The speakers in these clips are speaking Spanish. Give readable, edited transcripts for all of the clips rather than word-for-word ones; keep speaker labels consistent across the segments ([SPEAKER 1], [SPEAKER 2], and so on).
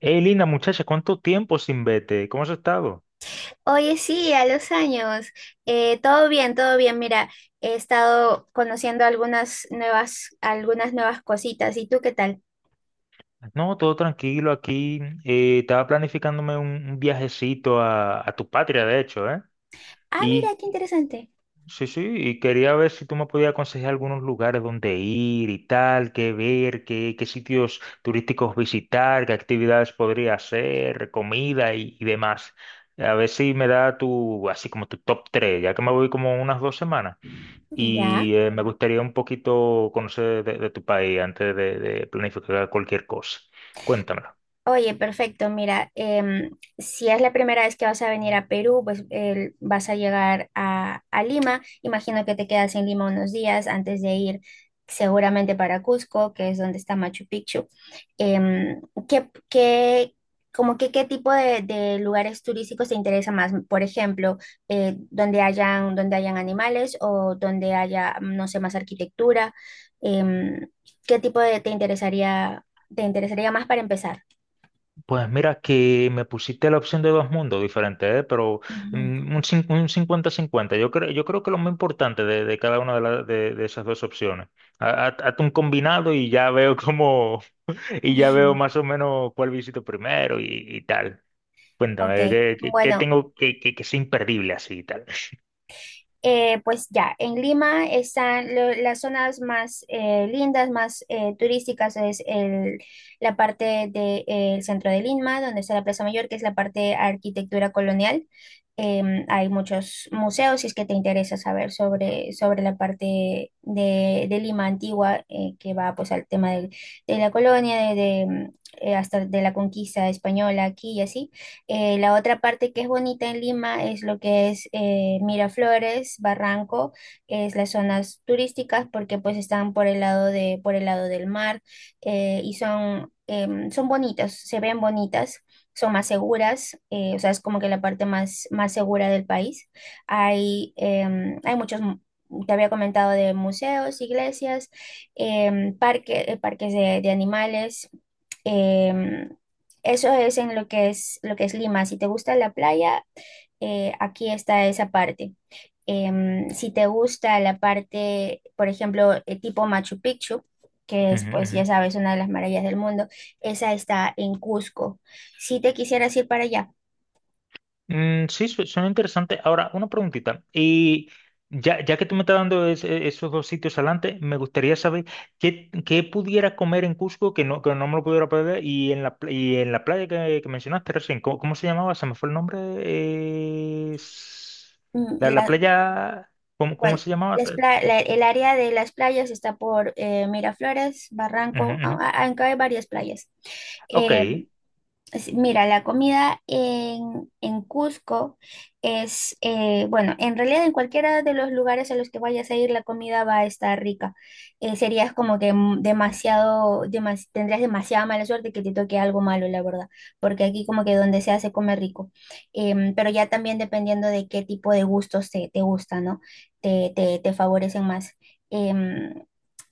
[SPEAKER 1] Hey, linda muchacha, ¿cuánto tiempo sin verte? ¿Cómo has estado?
[SPEAKER 2] Oye, sí, a los años. Todo bien, todo bien. Mira, he estado conociendo algunas nuevas cositas. ¿Y tú qué tal?
[SPEAKER 1] No, todo tranquilo aquí. Estaba planificándome un viajecito a tu patria, de hecho, ¿eh?
[SPEAKER 2] Ah, mira, qué
[SPEAKER 1] Y
[SPEAKER 2] interesante.
[SPEAKER 1] sí, sí, y quería ver si tú me podías aconsejar algunos lugares donde ir y tal, qué ver, qué sitios turísticos visitar, qué actividades podría hacer, comida y demás. A ver si me da tu, así como tu top 3, ya que me voy como unas dos semanas.
[SPEAKER 2] Ya.
[SPEAKER 1] Y me gustaría un poquito conocer de tu país antes de planificar cualquier cosa. Cuéntamelo.
[SPEAKER 2] Oye, perfecto. Mira, si es la primera vez que vas a venir a Perú, pues vas a llegar a Lima. Imagino que te quedas en Lima unos días antes de ir seguramente para Cusco, que es donde está Machu Picchu. Em, ¿qué, qué- Como que qué tipo de lugares turísticos te interesa más? Por ejemplo, donde hayan animales o donde haya, no sé, más arquitectura. Em, ¿Qué tipo de te interesaría más para empezar?
[SPEAKER 1] Pues mira que me pusiste la opción de dos mundos diferentes, ¿eh? Pero
[SPEAKER 2] Ujú.
[SPEAKER 1] un 50-50. Yo creo que lo más importante de cada una de esas dos opciones. Hazte un combinado y ya veo cómo, y ya veo más o menos cuál visito primero y tal.
[SPEAKER 2] Ok,
[SPEAKER 1] Cuéntame, ¿qué
[SPEAKER 2] bueno,
[SPEAKER 1] tengo que sea imperdible así y tal?
[SPEAKER 2] pues ya, en Lima están las zonas más lindas, más turísticas, es la parte del centro de Lima, donde está la Plaza Mayor, que es la parte de arquitectura colonial. Hay muchos museos, si es que te interesa saber sobre, sobre la parte de Lima antigua, que va pues al tema de la colonia, de, de hasta de la conquista española aquí y así. La otra parte que es bonita en Lima es lo que es Miraflores, Barranco, que es las zonas turísticas porque pues están por el lado de, por el lado del mar y son, son bonitas, se ven bonitas. Son más seguras, o sea, es como que la parte más, más segura del país. Hay, hay muchos, te había comentado, de museos, iglesias, parques de animales, em, eso es en lo que es Lima. Si te gusta la playa, aquí está esa parte. Si te gusta la parte, por ejemplo, tipo Machu Picchu, que es,
[SPEAKER 1] Ujú,
[SPEAKER 2] pues ya
[SPEAKER 1] ujú.
[SPEAKER 2] sabes, una de las maravillas del mundo, esa está en Cusco. Si te quisieras ir para allá,
[SPEAKER 1] Mm, sí, suena interesante. Ahora, una preguntita. Y ya, ya que tú me estás dando esos dos sitios adelante, me gustaría saber qué pudiera comer en Cusco que no me lo pudiera perder. Y en y en la playa que mencionaste recién, ¿cómo se llamaba? Se me fue el nombre.
[SPEAKER 2] mm,
[SPEAKER 1] La, la
[SPEAKER 2] la-
[SPEAKER 1] playa, ¿cómo
[SPEAKER 2] bueno,
[SPEAKER 1] se llamaba? Ujú,
[SPEAKER 2] el área de las playas está por Miraflores, Barranco,
[SPEAKER 1] ujú.
[SPEAKER 2] aunque hay varias playas.
[SPEAKER 1] Ok,
[SPEAKER 2] Eh, Mira, la comida en Cusco es, bueno, en realidad en cualquiera de los lugares a los que vayas a ir, la comida va a estar rica. Serías como que demasiado, tendrías demasiada mala suerte que te toque algo malo, la verdad, porque aquí como que donde sea se come rico. Pero ya también dependiendo de qué tipo de gustos te, te gusta, ¿no? Te favorecen más. Em,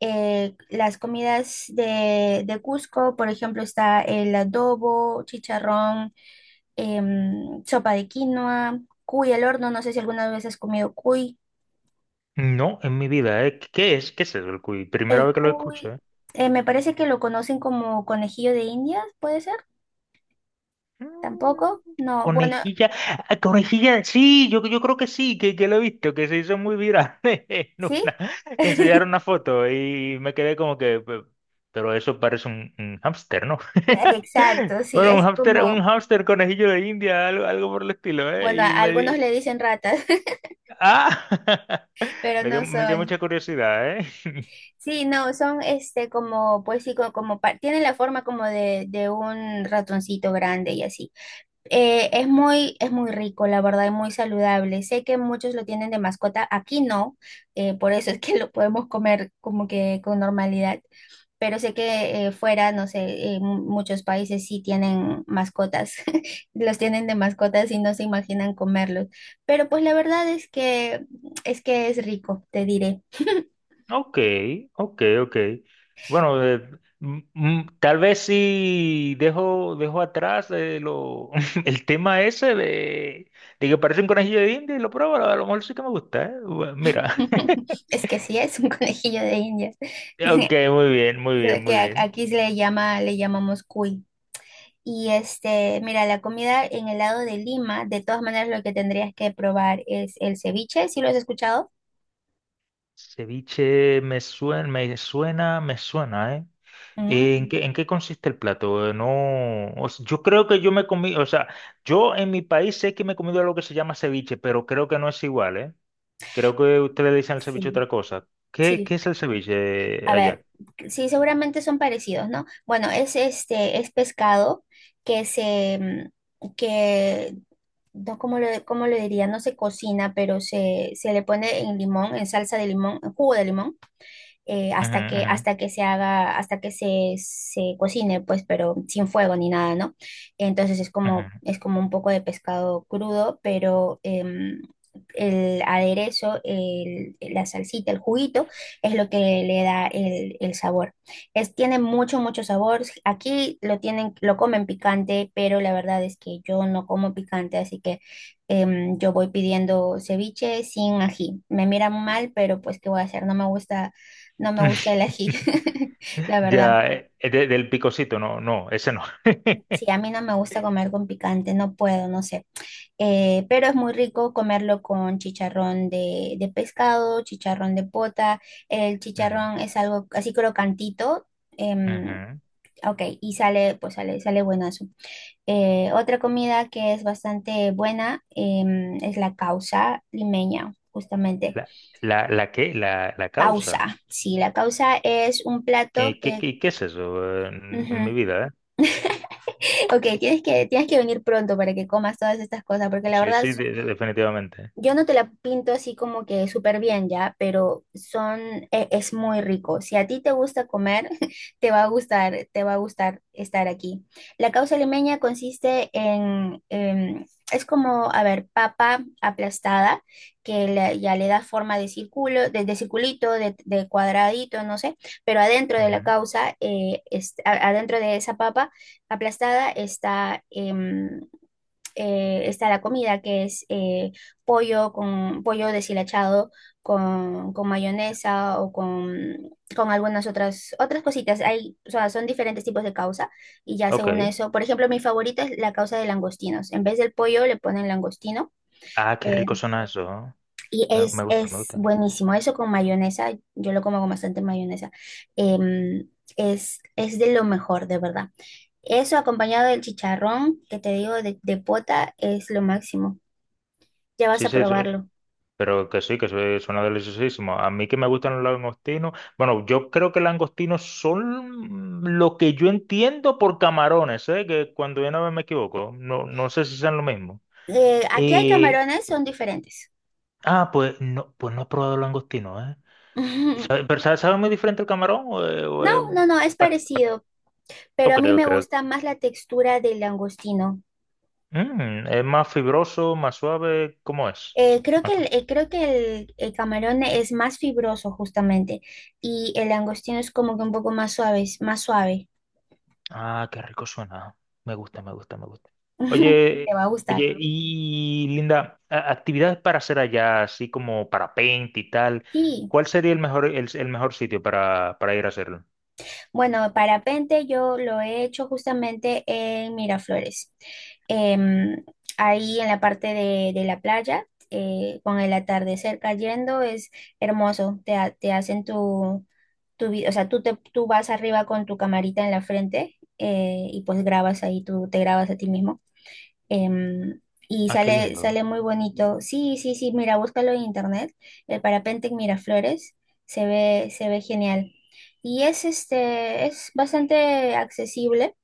[SPEAKER 2] las comidas de Cusco, por ejemplo, está el adobo, chicharrón, sopa de quinoa, cuy al horno, no sé si alguna vez has comido cuy.
[SPEAKER 1] no, en mi vida, ¿eh? ¿Qué es? ¿Qué es eso, el cuy? Primera
[SPEAKER 2] El
[SPEAKER 1] vez que lo escucho,
[SPEAKER 2] cuy,
[SPEAKER 1] ¿eh?
[SPEAKER 2] me parece que lo conocen como conejillo de Indias, ¿puede ser?
[SPEAKER 1] Mm,
[SPEAKER 2] Tampoco, no, bueno,
[SPEAKER 1] conejilla, ah, conejilla, sí, yo creo que sí, que lo he visto, que se hizo muy viral en una,
[SPEAKER 2] ¿sí?
[SPEAKER 1] que enseñaron una foto y me quedé como que, pero eso parece un hámster, ¿no?
[SPEAKER 2] Exacto, sí,
[SPEAKER 1] Bueno,
[SPEAKER 2] es
[SPEAKER 1] un
[SPEAKER 2] como,
[SPEAKER 1] hámster conejillo de India, algo, algo por el estilo, ¿eh?
[SPEAKER 2] bueno, a
[SPEAKER 1] Y me
[SPEAKER 2] algunos
[SPEAKER 1] di,
[SPEAKER 2] le dicen ratas,
[SPEAKER 1] ah,
[SPEAKER 2] pero no
[SPEAKER 1] me dio mucha
[SPEAKER 2] son.
[SPEAKER 1] curiosidad, ¿eh?
[SPEAKER 2] Sí, no, son este como, pues sí, tienen la forma como de un ratoncito grande y así. Es muy rico, la verdad, y muy saludable. Sé que muchos lo tienen de mascota, aquí no, por eso es que lo podemos comer como que con normalidad, pero sé que fuera, no sé, en muchos países sí tienen mascotas, los tienen de mascotas y no se imaginan comerlos. Pero pues la verdad es que, es que es rico, te diré.
[SPEAKER 1] Ok, ok, ok. Bueno, tal vez sí dejo, dejo atrás el tema ese de que parece un conejillo de India y lo pruebo, a lo mejor sí que me gusta, ¿eh? Bueno, mira,
[SPEAKER 2] Es que sí, es un conejillo de Indias.
[SPEAKER 1] ok, muy bien, muy bien,
[SPEAKER 2] Solo que
[SPEAKER 1] muy bien.
[SPEAKER 2] aquí se le llama, le llamamos cuy. Y este, mira, la comida en el lado de Lima, de todas maneras lo que tendrías que probar es el ceviche, ¿sí lo has escuchado?
[SPEAKER 1] Ceviche me suena, me suena, me suena, ¿eh?
[SPEAKER 2] Mm.
[SPEAKER 1] En qué consiste el plato? No, o sea, yo creo que yo me comí, o sea, yo en mi país sé que me he comido algo que se llama ceviche, pero creo que no es igual, ¿eh? Creo que ustedes le dicen al ceviche
[SPEAKER 2] Sí,
[SPEAKER 1] otra cosa. ¿Qué, qué
[SPEAKER 2] sí.
[SPEAKER 1] es el ceviche
[SPEAKER 2] A
[SPEAKER 1] allá?
[SPEAKER 2] ver, sí, seguramente son parecidos, ¿no? Bueno, es este, es pescado que se, mm, que, no, cómo lo diría? No se cocina, pero se le pone en limón, en salsa de limón, en jugo de limón
[SPEAKER 1] Ujú, ujú,
[SPEAKER 2] hasta que se haga, hasta que se cocine, pues, pero sin fuego ni nada, ¿no? Entonces
[SPEAKER 1] ujú.
[SPEAKER 2] es como un poco de pescado crudo, pero el aderezo, la salsita, el juguito, es lo que le da el sabor. Es, tiene mucho, mucho sabor. Aquí lo tienen, lo comen picante, pero la verdad es que yo no como picante, así que yo voy pidiendo ceviche sin ají. Me miran mal, pero pues, ¿qué voy a hacer? No me gusta no me gusta el ají, la verdad.
[SPEAKER 1] Ya, del picocito, no, no, ese no.
[SPEAKER 2] Sí, a mí no me gusta comer con picante, no puedo, no sé. Pero es muy rico comerlo con chicharrón de pescado, chicharrón de pota. El
[SPEAKER 1] Ujú,
[SPEAKER 2] chicharrón es algo así crocantito. em,
[SPEAKER 1] ujú.
[SPEAKER 2] ok, y sale, pues sale, sale buenazo. Otra comida que es bastante buena es la causa limeña, justamente.
[SPEAKER 1] ¿La, ¿la qué? ¿La causa?
[SPEAKER 2] Causa, sí, la causa es un plato que...
[SPEAKER 1] ¿Qué es eso en mi
[SPEAKER 2] ujú,
[SPEAKER 1] vida, eh?
[SPEAKER 2] ok, tienes que venir pronto para que comas todas estas cosas, porque la
[SPEAKER 1] Sí,
[SPEAKER 2] verdad
[SPEAKER 1] sí, definitivamente.
[SPEAKER 2] yo no te la pinto así como que súper bien ya, pero son, es muy rico. Si a ti te gusta comer, te va a gustar, te va a gustar estar aquí. La causa limeña consiste en, es como, a ver, papa aplastada, que ya le da forma de círculo, de circulito, de cuadradito, no sé, pero adentro de la
[SPEAKER 1] Ujú.
[SPEAKER 2] causa, adentro de esa papa aplastada está está la comida, que es pollo con pollo deshilachado con mayonesa o con algunas otras, otras cositas. Hay, o sea, son diferentes tipos de causa y ya según
[SPEAKER 1] Ok.
[SPEAKER 2] eso, por ejemplo, mi favorita es la causa de langostinos. En vez del pollo le ponen langostino.
[SPEAKER 1] Ah, qué
[SPEAKER 2] eh,
[SPEAKER 1] rico suena eso, ¿no?
[SPEAKER 2] y
[SPEAKER 1] Me gusta, me
[SPEAKER 2] es
[SPEAKER 1] gusta.
[SPEAKER 2] buenísimo. Eso con mayonesa, yo lo como con bastante mayonesa. em, es de lo mejor, de verdad. Eso acompañado del chicharrón, que te digo, de pota, es lo máximo ya vas
[SPEAKER 1] Sí,
[SPEAKER 2] a
[SPEAKER 1] sí, sí.
[SPEAKER 2] probarlo.
[SPEAKER 1] Pero que sí, que suena deliciosísimo. A mí que me gustan los langostinos. Bueno, yo creo que langostinos son lo que yo entiendo por camarones, ¿eh? Que cuando yo no me equivoco, no, no sé si sean lo mismo.
[SPEAKER 2] Aquí hay
[SPEAKER 1] y
[SPEAKER 2] camarones, son diferentes.
[SPEAKER 1] ah, pues no he probado langostinos, ¿eh? ¿Pero sabe, sabe muy diferente el camarón? ¿O
[SPEAKER 2] No,
[SPEAKER 1] es
[SPEAKER 2] no, no, es
[SPEAKER 1] bast-
[SPEAKER 2] parecido, pero
[SPEAKER 1] ok,
[SPEAKER 2] a mí me
[SPEAKER 1] ok,
[SPEAKER 2] gusta
[SPEAKER 1] ok.
[SPEAKER 2] más la textura del langostino.
[SPEAKER 1] Mm, ¿es más fibroso, más suave? ¿Cómo es?
[SPEAKER 2] Creo que el camarón es más fibroso justamente y el langostino es como que un poco más suave, es más suave.
[SPEAKER 1] Ah, qué rico suena. Me gusta, me gusta, me gusta. Oye,
[SPEAKER 2] Te va a gustar.
[SPEAKER 1] oye, y Linda, actividades para hacer allá, así como parapente y tal,
[SPEAKER 2] Sí.
[SPEAKER 1] ¿cuál sería el mejor, el mejor sitio para ir a hacerlo?
[SPEAKER 2] Bueno, parapente yo lo he hecho justamente en Miraflores. Em, ahí en la parte de la playa, con el atardecer cayendo, es hermoso. Te hacen tu, o sea, tú, tú vas arriba con tu camarita en la frente y pues grabas ahí, tú te grabas a ti mismo em, y
[SPEAKER 1] Ah, qué
[SPEAKER 2] sale,
[SPEAKER 1] lindo.
[SPEAKER 2] sale muy bonito. Sí, sí, sí, mira, búscalo en internet. El parapente en Miraflores se ve genial. Y es este, es bastante accesible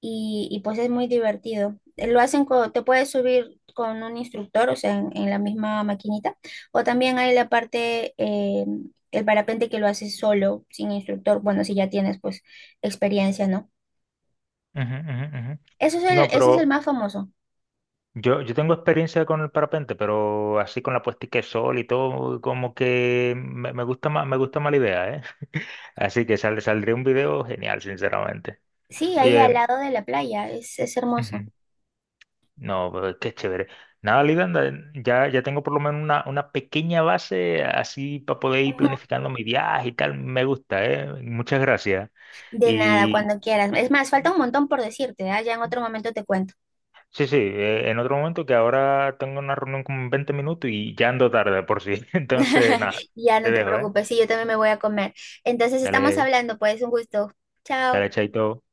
[SPEAKER 2] y, pues es muy divertido. Lo hacen te puedes subir con un instructor, o sea, en la misma maquinita, o también hay la parte, el parapente que lo haces solo, sin instructor, bueno, si ya tienes pues experiencia, ¿no?
[SPEAKER 1] Ujú, ujú, ujú.
[SPEAKER 2] Eso es el,
[SPEAKER 1] No,
[SPEAKER 2] ese es el
[SPEAKER 1] pero
[SPEAKER 2] más famoso.
[SPEAKER 1] yo tengo experiencia con el parapente, pero así con la puestica de sol y todo, como que me, me gusta más la idea, ¿eh? Así que saldría un video genial, sinceramente.
[SPEAKER 2] Sí, ahí al
[SPEAKER 1] Oye,
[SPEAKER 2] lado de la playa, es hermoso.
[SPEAKER 1] ujú. No, pero qué chévere. Nada, Lidanda, ya, ya tengo por lo menos una pequeña base así para poder ir
[SPEAKER 2] Ujú.
[SPEAKER 1] planificando mi viaje y tal. Me gusta, ¿eh? Muchas gracias.
[SPEAKER 2] De nada,
[SPEAKER 1] Y
[SPEAKER 2] cuando quieras. Es más, falta un montón por decirte, ¿ah? Ya en otro momento te cuento.
[SPEAKER 1] sí, sí, en otro momento, que ahora tengo una reunión como en 20 minutos y ya ando tarde por si. Entonces, nada,
[SPEAKER 2] Ya
[SPEAKER 1] te
[SPEAKER 2] no te
[SPEAKER 1] dejo, ¿eh?
[SPEAKER 2] preocupes, sí, yo también me voy a comer. Entonces estamos
[SPEAKER 1] Dale,
[SPEAKER 2] hablando, pues, un gusto.
[SPEAKER 1] dale,
[SPEAKER 2] Chao.
[SPEAKER 1] chaito.